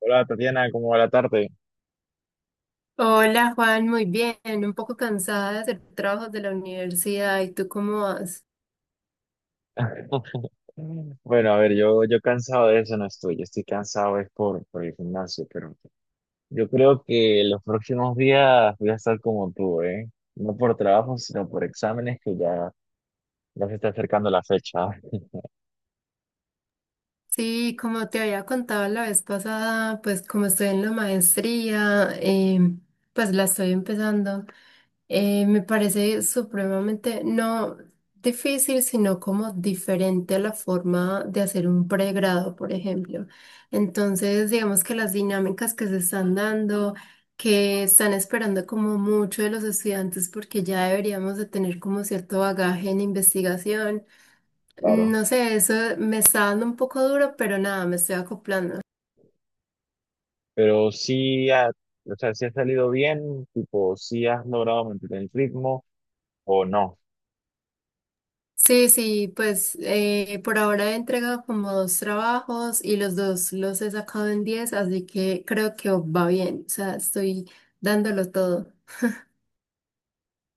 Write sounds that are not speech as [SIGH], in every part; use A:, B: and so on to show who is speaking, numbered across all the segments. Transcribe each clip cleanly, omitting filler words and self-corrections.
A: Hola Tatiana, ¿cómo va la tarde?
B: Hola Juan, muy bien, un poco cansada de hacer trabajos de la universidad. ¿Y tú cómo vas?
A: [LAUGHS] Bueno, a ver, yo cansado de eso no estoy, yo estoy cansado es por el gimnasio, pero yo creo que los próximos días voy a estar como tú, ¿eh? No por trabajo, sino por exámenes que ya se está acercando la fecha. [LAUGHS]
B: Sí, como te había contado la vez pasada, pues como estoy en la maestría, pues la estoy empezando. Me parece supremamente, no difícil, sino como diferente a la forma de hacer un pregrado, por ejemplo. Entonces, digamos que las dinámicas que se están dando, que están esperando como mucho de los estudiantes, porque ya deberíamos de tener como cierto bagaje en investigación.
A: Claro.
B: No sé, eso me está dando un poco duro, pero nada, me estoy acoplando.
A: Pero sí, o sea, si has salido bien, tipo, si has logrado mantener el ritmo o no.
B: Sí, sí, pues por ahora he entregado como dos trabajos y los dos los he sacado en 10, así que creo que va bien, o sea, estoy dándolo todo.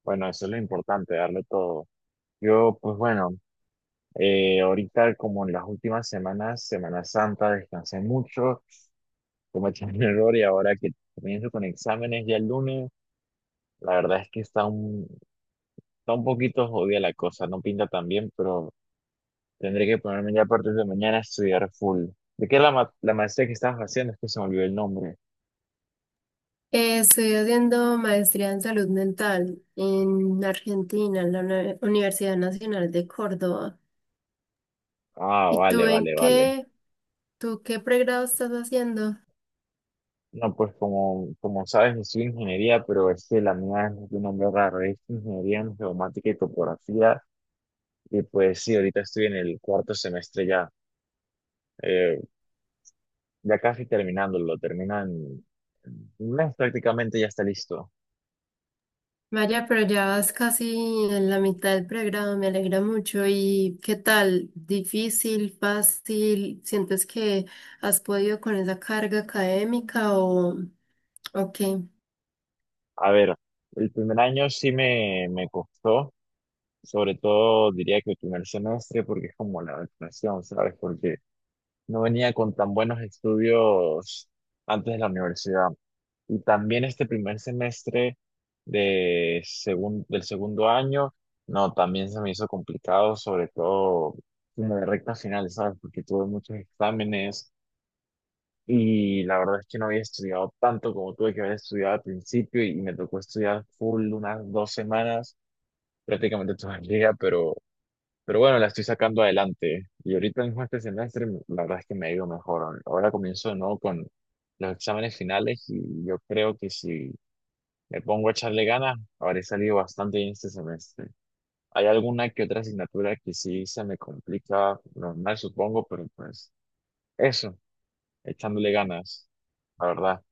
A: Bueno, eso es lo importante, darle todo. Yo, pues bueno. Ahorita, como en las últimas semanas, Semana Santa, descansé mucho, cometí un [LAUGHS] error y ahora que comienzo con exámenes ya el lunes, la verdad es que está un poquito jodida la cosa, no pinta tan bien, pero tendré que ponerme ya a partir de mañana a estudiar full. ¿De qué es la maestría que estabas haciendo? Es que se me olvidó el nombre.
B: Estoy haciendo maestría en salud mental en Argentina, en la Universidad Nacional de Córdoba.
A: Ah,
B: ¿Y tú
A: vale,
B: en
A: vale, vale.
B: qué? ¿Tú qué pregrado estás haciendo?
A: No, pues como sabes, yo soy ingeniería, pero es que la mía es de un nombre raro, es ingeniería en geomática y topografía. Y pues sí, ahorita estoy en el cuarto semestre ya. eh, ya casi terminándolo, terminan un mes prácticamente ya está listo.
B: Vaya, pero ya vas casi en la mitad del programa. Me alegra mucho. ¿Y qué tal? ¿Difícil, fácil? ¿Sientes que has podido con esa carga académica o qué?
A: A ver, el primer año sí me costó, sobre todo diría que el primer semestre, porque es como la vacunación, ¿sabes? Porque no venía con tan buenos estudios antes de la universidad. Y también este primer semestre del segundo año, no, también se me hizo complicado, sobre todo en la recta final, ¿sabes? Porque tuve muchos exámenes. Y la verdad es que no había estudiado tanto como tuve que haber estudiado al principio y me tocó estudiar full unas 2 semanas, prácticamente toda el día, pero bueno, la estoy sacando adelante. Y ahorita mismo este semestre, la verdad es que me ha ido mejor. Ahora comienzo, ¿no?, con los exámenes finales y yo creo que si me pongo a echarle ganas, habré salido bastante bien este semestre. Hay alguna que otra asignatura que sí se me complica, normal supongo, pero pues eso, echándole ganas, la verdad.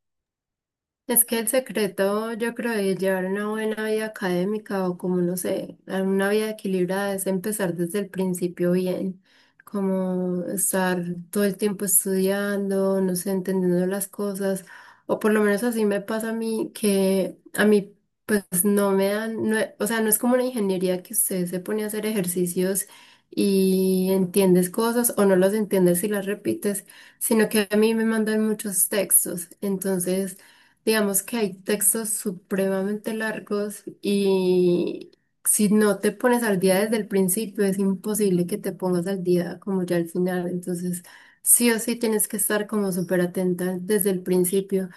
B: Es que el secreto, yo creo, de llevar una buena vida académica o como, no sé, una vida equilibrada es empezar desde el principio bien, como estar todo el tiempo estudiando, no sé, entendiendo las cosas, o por lo menos así me pasa a mí, que a mí pues no me dan, no, o sea, no es como una ingeniería que usted se pone a hacer ejercicios y entiendes cosas o no las entiendes y las repites, sino que a mí me mandan muchos textos, entonces. Digamos que hay textos supremamente largos y si no te pones al día desde el principio, es imposible que te pongas al día como ya al final. Entonces, sí o sí tienes que estar como súper atenta desde el principio.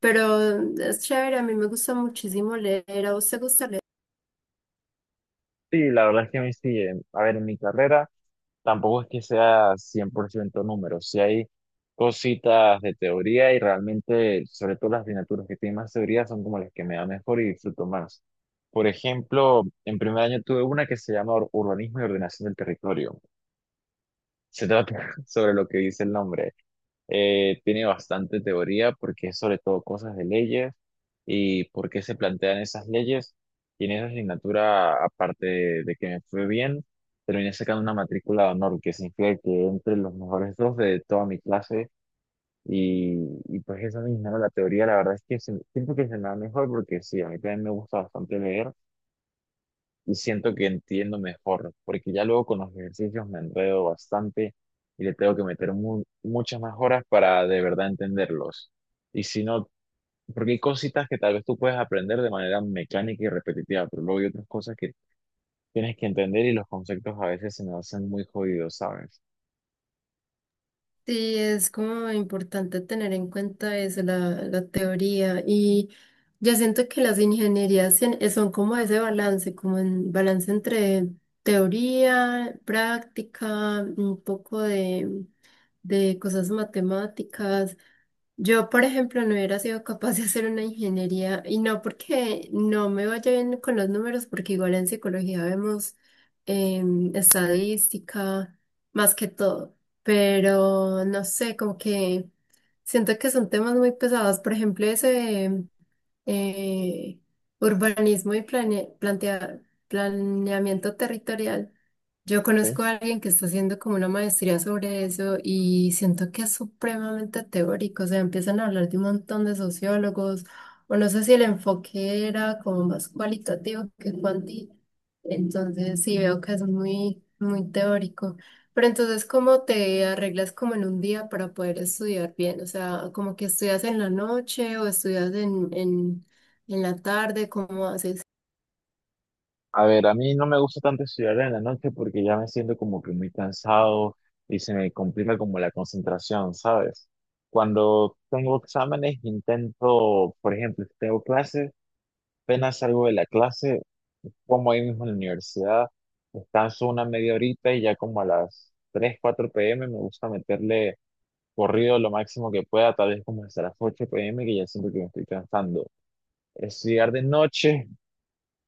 B: Pero es chévere, a mí me gusta muchísimo leer. ¿A vos te gusta leer?
A: Sí, la verdad es que a mí sí, a ver, en mi carrera tampoco es que sea 100% números, sí hay cositas de teoría y realmente, sobre todo las asignaturas que tienen más teoría son como las que me dan mejor y disfruto más. Por ejemplo, en primer año tuve una que se llama Urbanismo y Ordenación del Territorio. Se trata [LAUGHS] sobre lo que dice el nombre. Tiene bastante teoría porque es sobre todo cosas de leyes y por qué se plantean esas leyes. Y en esa asignatura, aparte de que me fue bien, terminé sacando una matrícula de honor, que significa que entre los mejores dos de toda mi clase. Y pues esa misma, ¿no? La teoría, la verdad es que siento que se me da mejor porque sí, a mí también me gusta bastante leer y siento que entiendo mejor, porque ya luego con los ejercicios me enredo bastante y le tengo que meter muchas más horas para de verdad entenderlos. Y si no, porque hay cositas que tal vez tú puedes aprender de manera mecánica y repetitiva, pero luego hay otras cosas que tienes que entender y los conceptos a veces se me hacen muy jodidos, ¿sabes?
B: Sí, es como importante tener en cuenta eso, la teoría. Y yo siento que las ingenierías son como ese balance, como un balance entre teoría, práctica, un poco de cosas matemáticas. Yo, por ejemplo, no hubiera sido capaz de hacer una ingeniería y no porque no me vaya bien con los números, porque igual en psicología vemos estadística más que todo, pero no sé, como que siento que son temas muy pesados. Por ejemplo, ese eh, urbanismo y plane- plantea- planeamiento territorial. Yo conozco a alguien que está haciendo como una maestría sobre eso y siento que es supremamente teórico. O sea, empiezan a hablar de un montón de sociólogos, o no sé si el enfoque era como más cualitativo que cuantitativo. Entonces sí veo que es muy, muy teórico. Pero entonces, ¿cómo te arreglas como en un día para poder estudiar bien? O sea, como que estudias en la noche o estudias en la tarde, ¿cómo haces?
A: A ver, a mí no me gusta tanto estudiar en la noche porque ya me siento como que muy cansado y se me complica como la concentración, ¿sabes? Cuando tengo exámenes intento, por ejemplo, si tengo clases, apenas salgo de la clase, como ahí mismo en la universidad, descanso una media horita y ya como a las 3, 4 p.m. me gusta meterle corrido lo máximo que pueda, tal vez como hasta las 8 p.m. que ya siento que me estoy cansando. Estudiar de noche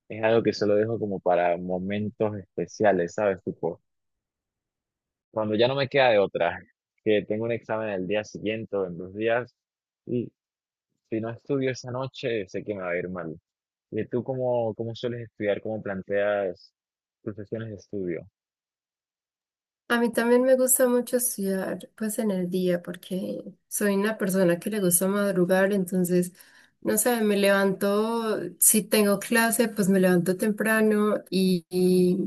A: es algo que solo dejo como para momentos especiales, ¿sabes? Tipo, cuando ya no me queda de otra, que tengo un examen el día siguiente o en 2 días, y si no estudio esa noche, sé que me va a ir mal. ¿Y tú cómo sueles estudiar? ¿Cómo planteas tus sesiones de estudio?
B: A mí también me gusta mucho estudiar pues en el día porque soy una persona que le gusta madrugar, entonces, no sé, me levanto, si tengo clase, pues me levanto temprano y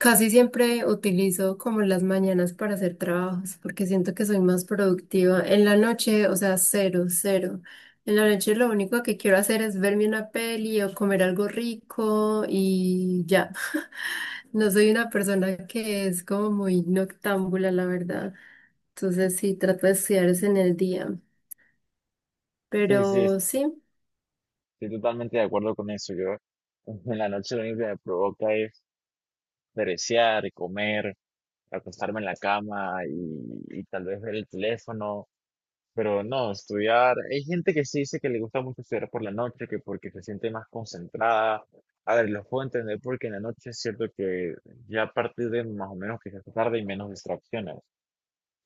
B: casi siempre utilizo como las mañanas para hacer trabajos, porque siento que soy más productiva. En la noche, o sea, cero. En la noche lo único que quiero hacer es verme una peli o comer algo rico y ya. [LAUGHS] No soy una persona que es como muy noctámbula, la verdad. Entonces sí, trato de estudiar es en el día.
A: Sí, sí,
B: Pero sí,
A: estoy totalmente de acuerdo con eso. Yo [LAUGHS] en la noche lo único que me provoca es perecear, comer, acostarme en la cama y tal vez ver el teléfono. Pero no, estudiar. Hay gente que sí dice que le gusta mucho estudiar por la noche, que porque se siente más concentrada. A ver, los puedo entender porque en la noche es cierto que ya a partir de más o menos que se hace tarde y menos distracciones.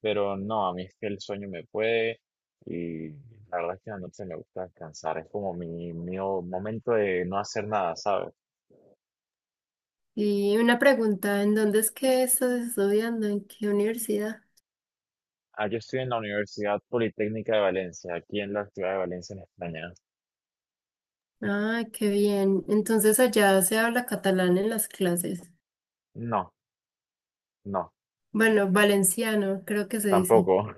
A: Pero no, a mí es que el sueño me puede y la verdad es que en la noche me gusta descansar. Es como mi momento de no hacer nada, ¿sabes?
B: y una pregunta, ¿en dónde es que estás estudiando? ¿En qué universidad?
A: Ah, yo estoy en la Universidad Politécnica de Valencia, aquí en la ciudad de Valencia, en España.
B: Ah, qué bien. Entonces allá se habla catalán en las clases.
A: No, no,
B: Bueno, valenciano, creo que se dice.
A: tampoco.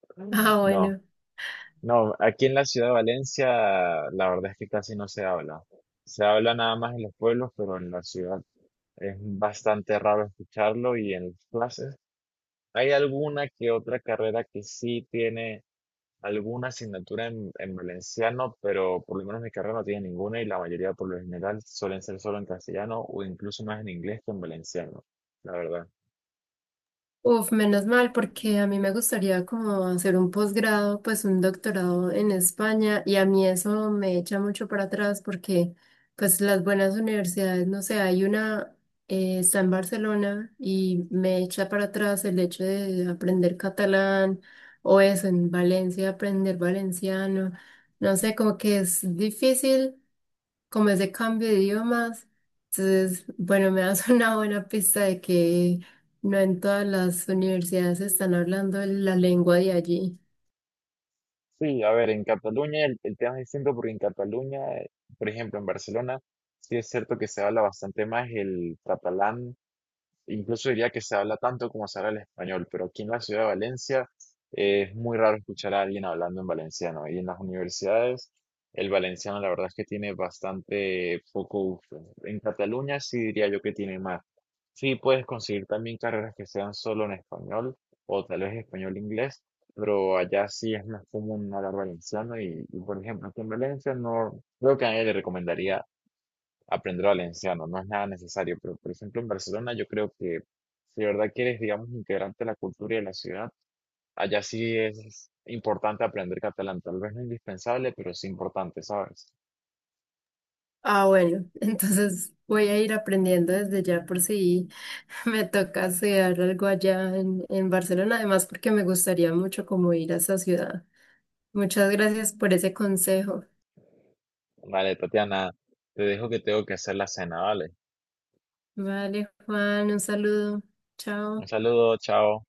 A: [LAUGHS]
B: Ah,
A: No.
B: bueno.
A: No, aquí en la ciudad de Valencia la verdad es que casi no se habla. Se habla nada más en los pueblos, pero en la ciudad es bastante raro escucharlo y en las clases hay alguna que otra carrera que sí tiene alguna asignatura en valenciano, pero por lo menos mi carrera no tiene ninguna y la mayoría por lo general suelen ser solo en castellano o incluso más en inglés que en valenciano, la verdad.
B: Uf, menos mal, porque a mí me gustaría como hacer un posgrado, pues un doctorado en España, y a mí eso me echa mucho para atrás porque pues las buenas universidades, no sé, hay una, está en Barcelona y me echa para atrás el hecho de aprender catalán o eso, en Valencia aprender valenciano, no sé, como que es difícil como ese cambio de idiomas. Entonces, bueno, me das [LAUGHS] una buena pista de que no en todas las universidades están hablando la lengua de allí.
A: Sí, a ver, en Cataluña el tema es distinto porque en Cataluña, por ejemplo, en Barcelona, sí es cierto que se habla bastante más el catalán. Incluso diría que se habla tanto como se habla el español, pero aquí en la ciudad de Valencia, es muy raro escuchar a alguien hablando en valenciano. Y en las universidades, el valenciano la verdad es que tiene bastante poco uso. En Cataluña sí diría yo que tiene más. Sí puedes conseguir también carreras que sean solo en español o tal vez español-inglés, pero allá sí es más común hablar valenciano y, por ejemplo, aquí en Valencia no creo que a nadie le recomendaría aprender valenciano, no es nada necesario, pero por ejemplo en Barcelona yo creo que si de verdad quieres, digamos, integrarte a la cultura y a la ciudad, allá sí es importante aprender catalán, tal vez no indispensable, pero sí importante, ¿sabes?
B: Ah, bueno, [LAUGHS] entonces voy a ir aprendiendo desde ya por si [LAUGHS] me toca hacer algo allá en Barcelona, además porque me gustaría mucho como ir a esa ciudad. Muchas gracias por ese consejo.
A: Vale, Tatiana, te dejo que tengo que hacer la cena, ¿vale?
B: Vale, Juan, un saludo.
A: Un
B: Chao.
A: saludo, chao.